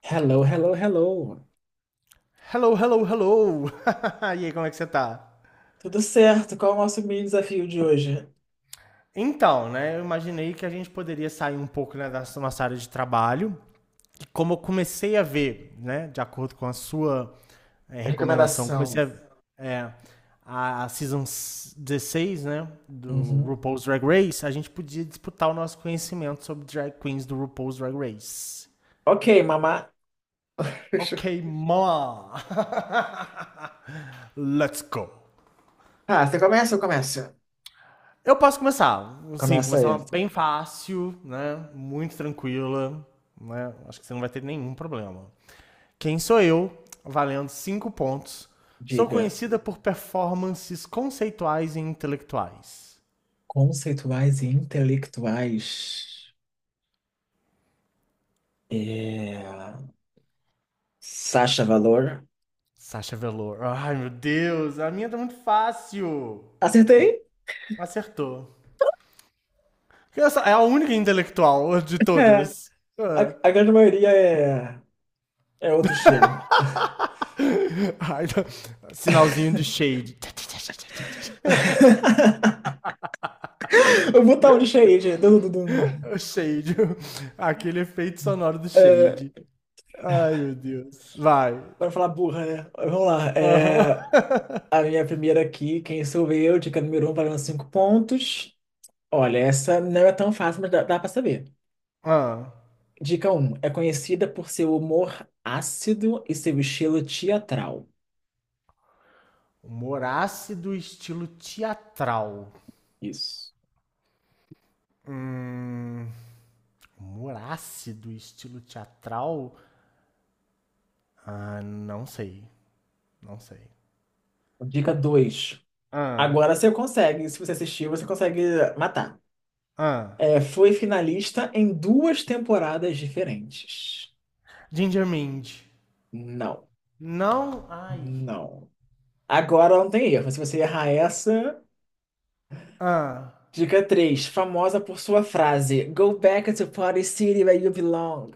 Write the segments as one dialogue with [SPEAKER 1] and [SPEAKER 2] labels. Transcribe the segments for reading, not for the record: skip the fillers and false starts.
[SPEAKER 1] Hello, hello, hello.
[SPEAKER 2] Hello, hello, hello! E aí, como é que você tá?
[SPEAKER 1] Tudo certo? Qual é o nosso mini desafio de hoje?
[SPEAKER 2] Então, né, eu imaginei que a gente poderia sair um pouco né, da nossa área de trabalho. E como eu comecei a ver, né, de acordo com a sua recomendação, comecei
[SPEAKER 1] Recomendação.
[SPEAKER 2] é, a Season 16, né, do
[SPEAKER 1] Uhum.
[SPEAKER 2] RuPaul's Drag Race, a gente podia disputar o nosso conhecimento sobre drag queens do RuPaul's Drag Race.
[SPEAKER 1] Ok, mamá.
[SPEAKER 2] Ok, ma! Let's go!
[SPEAKER 1] Ah, você começa ou começa?
[SPEAKER 2] Eu posso começar. Sim,
[SPEAKER 1] Começa aí.
[SPEAKER 2] começar bem fácil, né? Muito tranquila. Né? Acho que você não vai ter nenhum problema. Quem sou eu? Valendo 5 pontos. Sou
[SPEAKER 1] Diga.
[SPEAKER 2] conhecida por performances conceituais e intelectuais.
[SPEAKER 1] Conceituais e intelectuais. É... Sacha Valor.
[SPEAKER 2] Sasha Velour. Ai, meu Deus, a minha tá muito fácil.
[SPEAKER 1] Acertei?
[SPEAKER 2] Acertou. É a única intelectual de
[SPEAKER 1] É.
[SPEAKER 2] todas.
[SPEAKER 1] A,
[SPEAKER 2] Ah.
[SPEAKER 1] a grande maioria é outro estilo.
[SPEAKER 2] Ai, tá. Sinalzinho de shade.
[SPEAKER 1] Eu vou botar um lixo aí, gente. Dum, dum, dum, dum.
[SPEAKER 2] O Shade. Aquele efeito sonoro do Shade. Ai, meu Deus. Vai.
[SPEAKER 1] Pra não falar burra, né? Vamos lá.
[SPEAKER 2] Aham.
[SPEAKER 1] A minha primeira aqui, quem sou eu? Dica número um, valendo cinco pontos. Olha, essa não é tão fácil, mas dá para saber.
[SPEAKER 2] Ah.
[SPEAKER 1] Dica Um, é conhecida por seu humor ácido e seu estilo teatral.
[SPEAKER 2] Humor ácido, estilo teatral.
[SPEAKER 1] Isso.
[SPEAKER 2] Hum. Humor ácido, estilo teatral? Ah, não sei. Não sei.
[SPEAKER 1] Dica dois.
[SPEAKER 2] Ah.
[SPEAKER 1] Agora você consegue, se você assistir, você consegue matar.
[SPEAKER 2] Ah.
[SPEAKER 1] É, foi finalista em duas temporadas diferentes.
[SPEAKER 2] Ginger Mind.
[SPEAKER 1] Não,
[SPEAKER 2] Não. Ai.
[SPEAKER 1] não. Agora não tem erro. Se você errar essa,
[SPEAKER 2] Ah.
[SPEAKER 1] dica 3, famosa por sua frase Go back to Party City where you belong.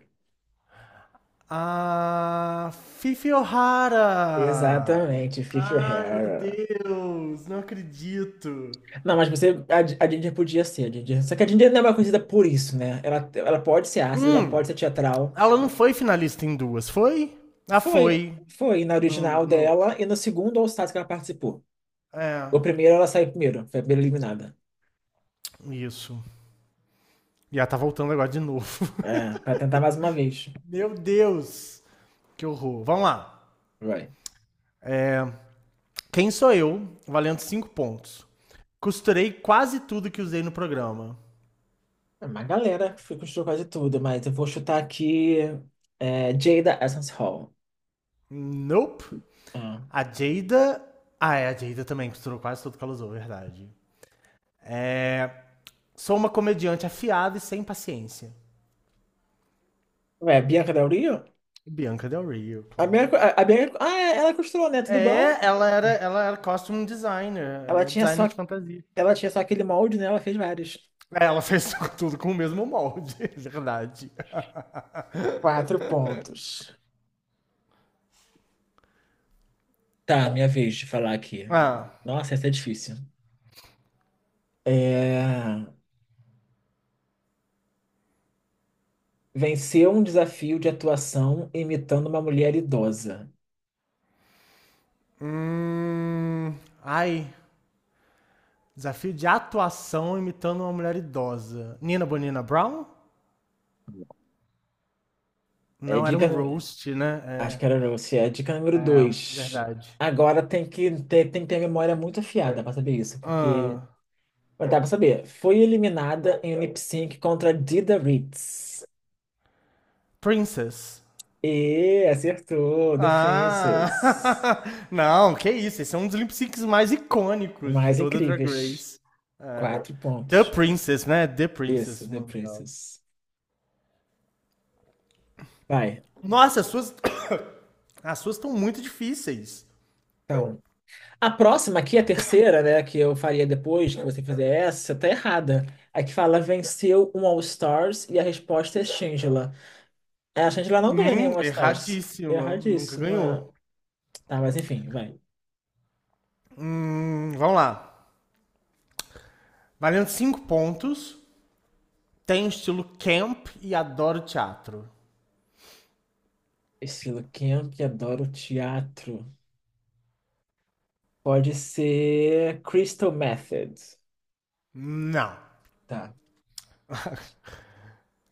[SPEAKER 2] Ah, Fifi O'Hara!
[SPEAKER 1] Exatamente, Fifi
[SPEAKER 2] Ah, meu
[SPEAKER 1] O'Hara.
[SPEAKER 2] Deus, não acredito.
[SPEAKER 1] Não, mas você, a Ginger podia ser, a Ginger. Só que a Ginger não é uma conhecida por isso, né? Ela pode ser ácida, ela pode
[SPEAKER 2] Hum,
[SPEAKER 1] ser teatral.
[SPEAKER 2] ela não foi finalista em duas, foi? Ah,
[SPEAKER 1] Foi,
[SPEAKER 2] foi.
[SPEAKER 1] foi na
[SPEAKER 2] Não, não,
[SPEAKER 1] original
[SPEAKER 2] não.
[SPEAKER 1] dela e no segundo All Stars que ela participou.
[SPEAKER 2] É,
[SPEAKER 1] O primeiro ela saiu primeiro, foi a primeira eliminada.
[SPEAKER 2] isso. E ela tá voltando agora de novo.
[SPEAKER 1] É, pra tentar mais uma vez.
[SPEAKER 2] Meu Deus, que horror. Vamos lá.
[SPEAKER 1] Vai.
[SPEAKER 2] Quem sou eu, valendo 5 pontos. Costurei quase tudo que usei no programa.
[SPEAKER 1] É uma galera que foi construiu quase tudo, mas eu vou chutar aqui é, Jada Essence Hall.
[SPEAKER 2] Nope.
[SPEAKER 1] Ah.
[SPEAKER 2] A Jada... Ah, é, a Jada também costurou quase tudo que ela usou, verdade. É, sou uma comediante afiada e sem paciência.
[SPEAKER 1] Ué, Bianca Del Rio?
[SPEAKER 2] Bianca Del Rio,
[SPEAKER 1] A
[SPEAKER 2] claro.
[SPEAKER 1] Bianca, a Bianca, ah, é, ela costurou, né? Tudo igual.
[SPEAKER 2] É, ela era costume designer, ela
[SPEAKER 1] Ela
[SPEAKER 2] era
[SPEAKER 1] tinha
[SPEAKER 2] designer
[SPEAKER 1] só,
[SPEAKER 2] de fantasia.
[SPEAKER 1] ela tinha só aquele molde, né? Ela fez vários.
[SPEAKER 2] É, ela fez tudo com o mesmo molde, verdade.
[SPEAKER 1] Quatro pontos. Tá, minha vez de falar aqui.
[SPEAKER 2] Ah,
[SPEAKER 1] Nossa, essa é difícil. É... Venceu um desafio de atuação imitando uma mulher idosa.
[SPEAKER 2] hum, ai, desafio de atuação imitando uma mulher idosa. Nina Bonina Brown?
[SPEAKER 1] É
[SPEAKER 2] Não, era
[SPEAKER 1] dica.
[SPEAKER 2] um roast,
[SPEAKER 1] Acho
[SPEAKER 2] né?
[SPEAKER 1] que era você. É dica
[SPEAKER 2] É,
[SPEAKER 1] número
[SPEAKER 2] é
[SPEAKER 1] dois.
[SPEAKER 2] verdade.
[SPEAKER 1] Agora tem que ter a memória muito afiada para saber isso, porque.
[SPEAKER 2] Ah,
[SPEAKER 1] Mas dá pra saber. Foi eliminada em um lip sync contra Dida Ritz.
[SPEAKER 2] princess.
[SPEAKER 1] E acertou, Defenses.
[SPEAKER 2] Ah! Não, que isso, esse é um dos lip syncs mais icônicos de
[SPEAKER 1] Mais
[SPEAKER 2] toda Drag
[SPEAKER 1] incríveis.
[SPEAKER 2] Race. É.
[SPEAKER 1] Quatro
[SPEAKER 2] The
[SPEAKER 1] pontos.
[SPEAKER 2] Princess, né? The
[SPEAKER 1] Isso,
[SPEAKER 2] Princess, o nome dela.
[SPEAKER 1] Defenses. Vai.
[SPEAKER 2] Nossa, as suas. As suas estão muito difíceis.
[SPEAKER 1] Então, a próxima aqui, a terceira, né, que eu faria depois que você fizer essa, tá errada. Aqui fala venceu um All-Stars e a resposta é Shangela. É, a Shangela não ganhou nenhum All-Stars.
[SPEAKER 2] Erradíssima. Nunca
[SPEAKER 1] Erradíssima.
[SPEAKER 2] ganhou.
[SPEAKER 1] Tá, mas enfim, vai.
[SPEAKER 2] Vamos lá. Valendo 5 pontos. Tem estilo camp e adoro teatro.
[SPEAKER 1] Estilo, quem é que adora o teatro? Pode ser Crystal Method.
[SPEAKER 2] Não.
[SPEAKER 1] Tá.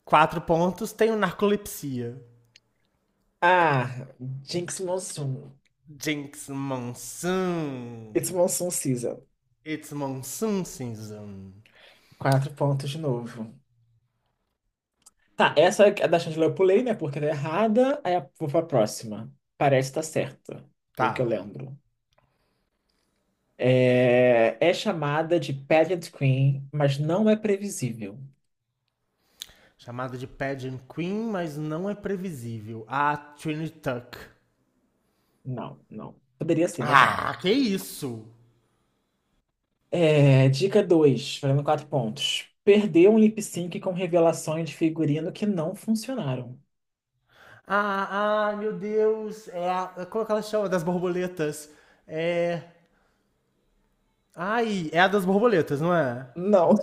[SPEAKER 2] 4 pontos. Tem o narcolepsia.
[SPEAKER 1] Ah, Jinx Monsoon.
[SPEAKER 2] Jinx
[SPEAKER 1] It's
[SPEAKER 2] Monsoon.
[SPEAKER 1] Monsoon Season.
[SPEAKER 2] It's Monsoon Season.
[SPEAKER 1] Quatro pontos de novo. Tá, essa é a da Chandler eu pulei, né? Porque tá errada. Aí eu vou pra próxima. Parece estar tá certa, pelo
[SPEAKER 2] Tá.
[SPEAKER 1] que eu lembro. É, é chamada de Pageant Queen, mas não é previsível.
[SPEAKER 2] Chamada de Pageant Queen, mas não é previsível. A Trinity Tuck.
[SPEAKER 1] Não, não. Poderia ser, mas não.
[SPEAKER 2] Ah, que isso!
[SPEAKER 1] É, dica 2, valendo quatro pontos. Perdeu um lip sync com revelações de figurino que não funcionaram.
[SPEAKER 2] Ah, ah, meu Deus! É a. Como é que ela chama? Das borboletas. É. Ai, é a das borboletas, não é?
[SPEAKER 1] Não.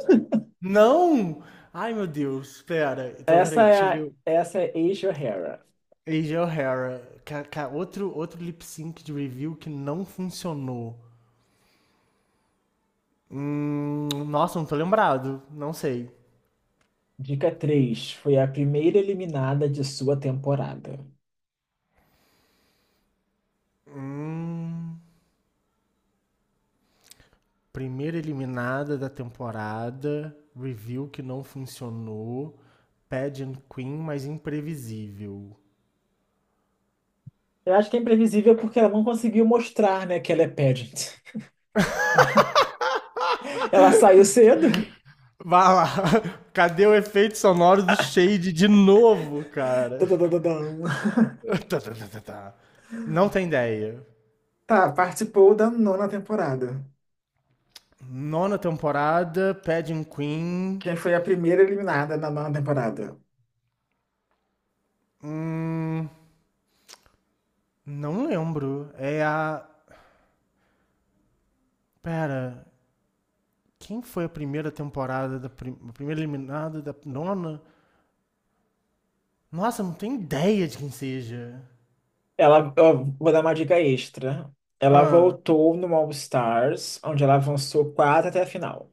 [SPEAKER 2] Não! Ai, meu Deus, pera. Então,
[SPEAKER 1] Essa
[SPEAKER 2] peraí,
[SPEAKER 1] é
[SPEAKER 2] deixa eu ver.
[SPEAKER 1] a, essa é Asia O'Hara.
[SPEAKER 2] AJ O'Hara. Outro lip sync de review que não funcionou. Nossa, não tô lembrado. Não sei.
[SPEAKER 1] Dica 3: foi a primeira eliminada de sua temporada.
[SPEAKER 2] Hum, primeira eliminada da temporada, review que não funcionou, Pageant Queen, mas imprevisível.
[SPEAKER 1] Eu acho que é imprevisível porque ela não conseguiu mostrar, né, que ela é pageant. Ela saiu cedo.
[SPEAKER 2] Vá lá, cadê o efeito sonoro do Shade de novo, cara?
[SPEAKER 1] Tududududum.
[SPEAKER 2] Tá, tá, tá, tá, tá. Não tem ideia.
[SPEAKER 1] Tá, participou da nona temporada.
[SPEAKER 2] Nona temporada, Pageant Queen.
[SPEAKER 1] Quem foi a primeira eliminada na nona temporada?
[SPEAKER 2] Hum, não lembro. É a. Pera, quem foi a primeira temporada a primeira eliminada da nona? Nossa, eu não tenho ideia de quem seja.
[SPEAKER 1] Ela, ó, vou dar uma dica extra. Ela
[SPEAKER 2] Ah,
[SPEAKER 1] voltou no All Stars, onde ela avançou quatro até a final.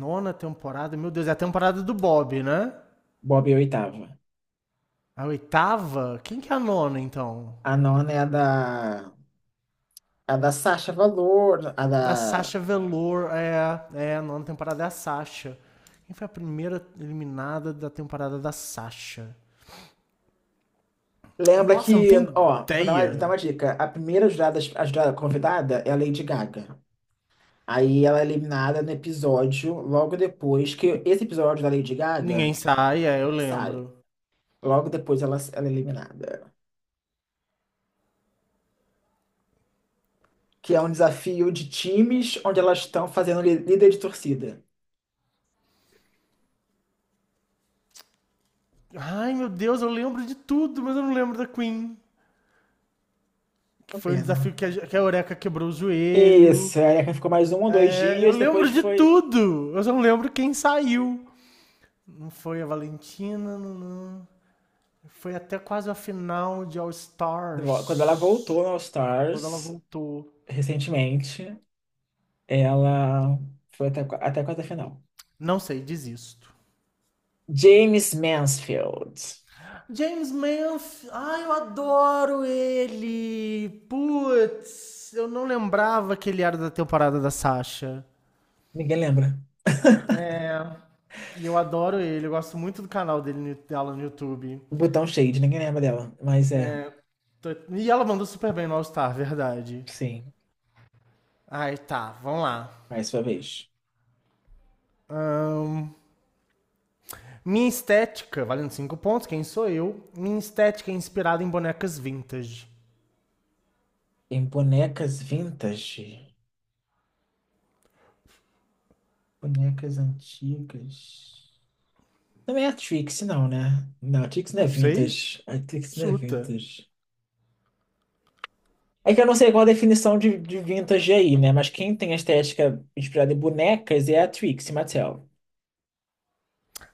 [SPEAKER 2] nona temporada? Meu Deus, é a temporada do Bob, né?
[SPEAKER 1] Bob é a oitava.
[SPEAKER 2] A oitava? Quem que é a nona, então?
[SPEAKER 1] A nona é a da. A da Sasha Valor, a da.
[SPEAKER 2] Da Sasha Velour. É, é a nona temporada é a Sasha. Quem foi a primeira eliminada da temporada da Sasha?
[SPEAKER 1] Lembra
[SPEAKER 2] Nossa, eu não
[SPEAKER 1] que,
[SPEAKER 2] tenho
[SPEAKER 1] ó, vou dar uma, dar
[SPEAKER 2] ideia.
[SPEAKER 1] uma dica. A primeira jurada, a jurada convidada é a Lady Gaga. Aí ela é eliminada no episódio, logo depois que esse episódio da Lady Gaga
[SPEAKER 2] Ninguém sai, é, eu
[SPEAKER 1] sai.
[SPEAKER 2] lembro.
[SPEAKER 1] Logo depois ela é eliminada. Que é um desafio de times onde elas estão fazendo líder de torcida.
[SPEAKER 2] Ai, meu Deus, eu lembro de tudo, mas eu não lembro da Queen. Que
[SPEAKER 1] Uma
[SPEAKER 2] foi um desafio
[SPEAKER 1] pena.
[SPEAKER 2] que a Eureka quebrou o joelho.
[SPEAKER 1] Isso, aí ela ficou mais um ou dois
[SPEAKER 2] É, eu
[SPEAKER 1] dias, depois
[SPEAKER 2] lembro de
[SPEAKER 1] foi.
[SPEAKER 2] tudo. Eu só não lembro quem saiu. Não foi a Valentina, não, não. Foi até quase a final de All
[SPEAKER 1] Quando ela voltou
[SPEAKER 2] Stars.
[SPEAKER 1] no All
[SPEAKER 2] Quando ela
[SPEAKER 1] Stars,
[SPEAKER 2] voltou.
[SPEAKER 1] recentemente. Ela foi até a quarta final.
[SPEAKER 2] Não sei, desisto.
[SPEAKER 1] James Mansfield.
[SPEAKER 2] James Manf, ai, eu adoro ele. Putz, eu não lembrava que ele era da temporada da Sasha.
[SPEAKER 1] Ninguém lembra.
[SPEAKER 2] É, e eu adoro ele, eu gosto muito do canal dele, dela no YouTube.
[SPEAKER 1] Botão Shade, ninguém lembra dela. Mas é,
[SPEAKER 2] É, tô- e ela mandou super bem no All Star, verdade.
[SPEAKER 1] sim,
[SPEAKER 2] Ai, tá, vamos lá.
[SPEAKER 1] mais sua vez.
[SPEAKER 2] Ahn, minha estética, valendo 5 pontos, quem sou eu? Minha estética é inspirada em bonecas vintage.
[SPEAKER 1] Em bonecas vintage. Bonecas antigas. Não é a Trix, não, né? Não, a Trix não é
[SPEAKER 2] Não sei?
[SPEAKER 1] vintage. A Trix não é
[SPEAKER 2] Chuta.
[SPEAKER 1] vintage. É que eu não sei qual a definição de vintage aí, né? Mas quem tem a estética inspirada em bonecas é a Trixie Mattel.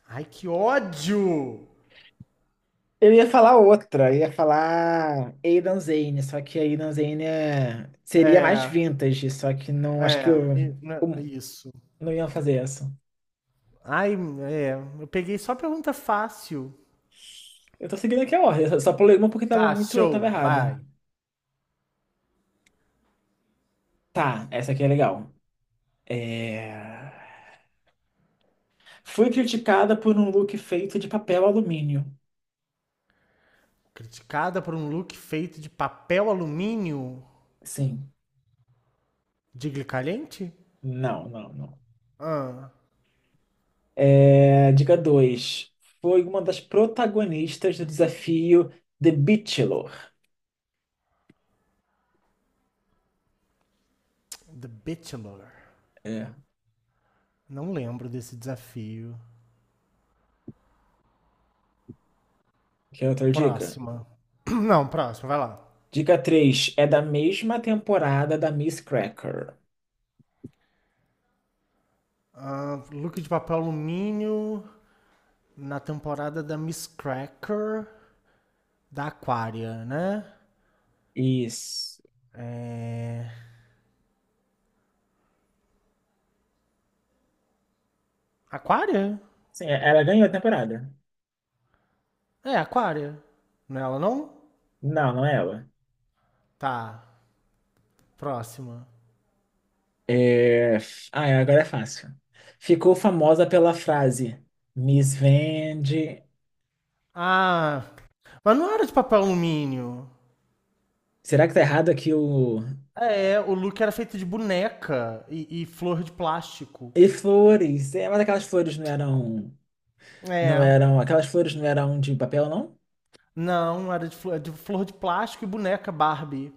[SPEAKER 2] Ai, que ódio!
[SPEAKER 1] Eu ia falar outra, eu ia falar Aidan Zane, só que a Aidan Zane é- seria mais
[SPEAKER 2] É,
[SPEAKER 1] vintage, só que não, acho que
[SPEAKER 2] é,
[SPEAKER 1] eu,
[SPEAKER 2] e- né, é
[SPEAKER 1] eu
[SPEAKER 2] isso.
[SPEAKER 1] não ia fazer essa.
[SPEAKER 2] Ai, é, eu peguei só pergunta fácil.
[SPEAKER 1] Eu tô seguindo aqui a ordem, eu só pulei uma porque tava
[SPEAKER 2] Tá,
[SPEAKER 1] muito, eu tava
[SPEAKER 2] show,
[SPEAKER 1] errada.
[SPEAKER 2] vai.
[SPEAKER 1] Tá, essa aqui é legal. É... Fui criticada por um look feito de papel alumínio.
[SPEAKER 2] Criticada por um look feito de papel alumínio
[SPEAKER 1] Sim,
[SPEAKER 2] de glicalhente?
[SPEAKER 1] não, não, não.
[SPEAKER 2] Ah,
[SPEAKER 1] Dica 2. Foi uma das protagonistas do desafio The Bachelor.
[SPEAKER 2] The Bachelor.
[SPEAKER 1] É.
[SPEAKER 2] Não lembro desse desafio.
[SPEAKER 1] Quer outra dica?
[SPEAKER 2] Próxima. Não, próxima, vai lá.
[SPEAKER 1] Dica 3 é da mesma temporada da Miss Cracker.
[SPEAKER 2] Ah, look de papel alumínio na temporada da Miss Cracker da Aquária, né?
[SPEAKER 1] Isso.
[SPEAKER 2] É... Aquária?
[SPEAKER 1] Sim, ela ganhou a temporada.
[SPEAKER 2] É, Aquária. Não é ela, não?
[SPEAKER 1] Não, não é ela.
[SPEAKER 2] Tá, próxima.
[SPEAKER 1] É... Ah, é, agora é fácil. Ficou famosa pela frase Miss Vende.
[SPEAKER 2] Ah, mas não era de papel alumínio.
[SPEAKER 1] Será que tá errado aqui o.
[SPEAKER 2] É, o look era feito de boneca e flor de plástico.
[SPEAKER 1] E flores? É, mas aquelas flores não eram. Não
[SPEAKER 2] É,
[SPEAKER 1] eram. Aquelas flores não eram de papel, não?
[SPEAKER 2] não, era de flor de plástico e boneca Barbie.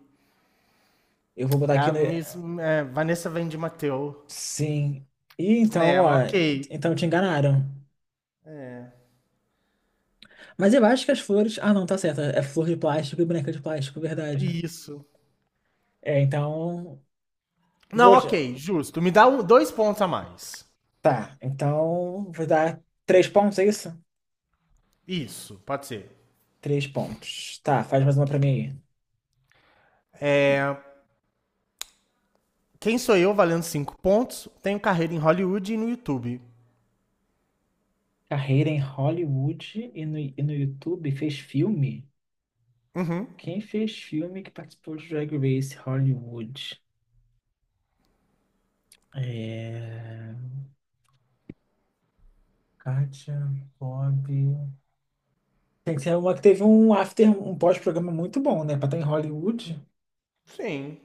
[SPEAKER 1] Eu vou botar
[SPEAKER 2] É
[SPEAKER 1] aqui
[SPEAKER 2] a
[SPEAKER 1] no.
[SPEAKER 2] Miss é, Vanessa Vende Mateu.
[SPEAKER 1] Sim. E então,
[SPEAKER 2] É, um
[SPEAKER 1] ó.
[SPEAKER 2] ok.
[SPEAKER 1] Então te enganaram. Mas eu acho que as flores. Ah, não, tá certo. É flor de plástico e boneca de plástico, verdade.
[SPEAKER 2] Isso.
[SPEAKER 1] É, então.
[SPEAKER 2] Não,
[SPEAKER 1] Vou.
[SPEAKER 2] ok, justo. Me dá dois pontos a mais.
[SPEAKER 1] Tá, então. Vou dar três pontos, é isso?
[SPEAKER 2] Isso, pode ser.
[SPEAKER 1] Três pontos. Tá, faz mais uma pra mim aí.
[SPEAKER 2] É, quem sou eu valendo cinco pontos? Tenho carreira em Hollywood e no YouTube.
[SPEAKER 1] Carreira em Hollywood e no YouTube fez filme?
[SPEAKER 2] Uhum.
[SPEAKER 1] Quem fez filme que participou de Drag Race Hollywood? É. Kátia, Bob. Tem que ser uma que teve um after, um pós-programa muito bom, né? Pra estar em Hollywood.
[SPEAKER 2] Sim.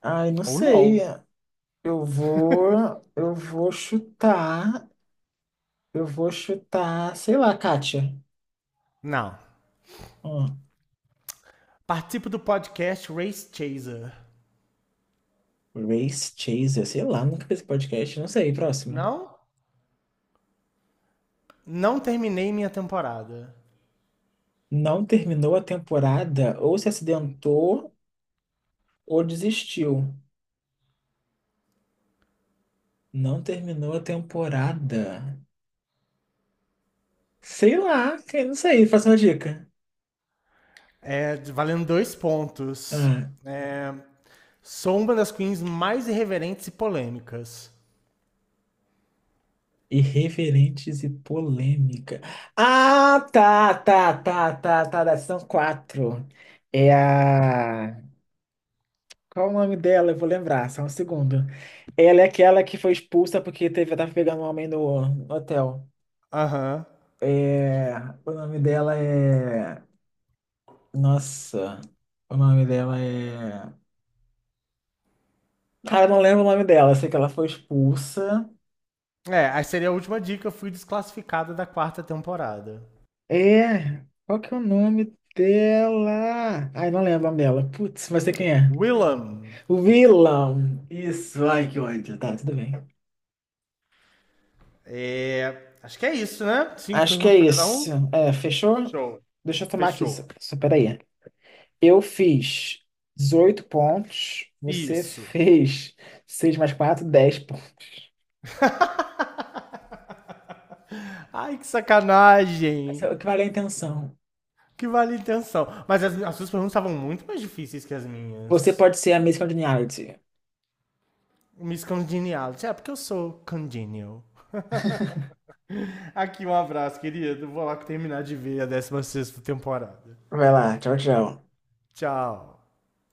[SPEAKER 1] Ai, não
[SPEAKER 2] Ou
[SPEAKER 1] sei.
[SPEAKER 2] não.
[SPEAKER 1] Eu vou, eu vou chutar, eu vou chutar, sei lá, Kátia.
[SPEAKER 2] Não.
[SPEAKER 1] Hum,
[SPEAKER 2] Participo do podcast Race Chaser.
[SPEAKER 1] Race Chaser, sei lá, nunca vi esse podcast, não sei, próximo.
[SPEAKER 2] Não? Não terminei minha temporada.
[SPEAKER 1] Não terminou a temporada, ou se acidentou, ou desistiu. Não terminou a temporada. Sei lá, não sei, faça uma dica.
[SPEAKER 2] É, valendo dois pontos.
[SPEAKER 1] Ah,
[SPEAKER 2] É, sou uma das queens mais irreverentes e polêmicas.
[SPEAKER 1] irreverentes e polêmica. Ah, tá, tá, tá, tá, tá, tá, são quatro. É a. Qual o nome dela? Eu vou lembrar, só um segundo. Ela é aquela que foi expulsa porque teve, tava pegando um homem no hotel.
[SPEAKER 2] Aham.
[SPEAKER 1] É, o nome dela é. Nossa, o nome dela é. Cara, eu não lembro o nome dela, eu sei que ela foi expulsa.
[SPEAKER 2] É, aí seria a última dica. Eu fui desclassificada da quarta temporada.
[SPEAKER 1] É, qual que é o nome dela? Ai, não lembro o nome dela. Putz, mas sei quem é.
[SPEAKER 2] Willam.
[SPEAKER 1] O vilão. Isso, ai, que ódio. Tá, tudo bem.
[SPEAKER 2] É, acho que é isso, né? Cinco
[SPEAKER 1] Acho que é
[SPEAKER 2] perguntas pra cada
[SPEAKER 1] isso.
[SPEAKER 2] um?
[SPEAKER 1] É, fechou?
[SPEAKER 2] Show.
[SPEAKER 1] Deixa eu tomar aqui, só,
[SPEAKER 2] Fechou.
[SPEAKER 1] só peraí. Eu fiz 18 pontos, você
[SPEAKER 2] Isso.
[SPEAKER 1] fez 6 mais 4 10 pontos.
[SPEAKER 2] Ai, que
[SPEAKER 1] Essa é
[SPEAKER 2] sacanagem.
[SPEAKER 1] o que vale a intenção.
[SPEAKER 2] Que vale a intenção. Mas as suas perguntas estavam muito mais difíceis que as
[SPEAKER 1] Você
[SPEAKER 2] minhas.
[SPEAKER 1] pode ser a Miss Congeniality.
[SPEAKER 2] Miss Congeniality. É, porque eu sou congenial. Aqui um abraço, querido. Vou lá terminar de ver a 16ª temporada.
[SPEAKER 1] Vai lá, tchau, tchau.
[SPEAKER 2] Tchau.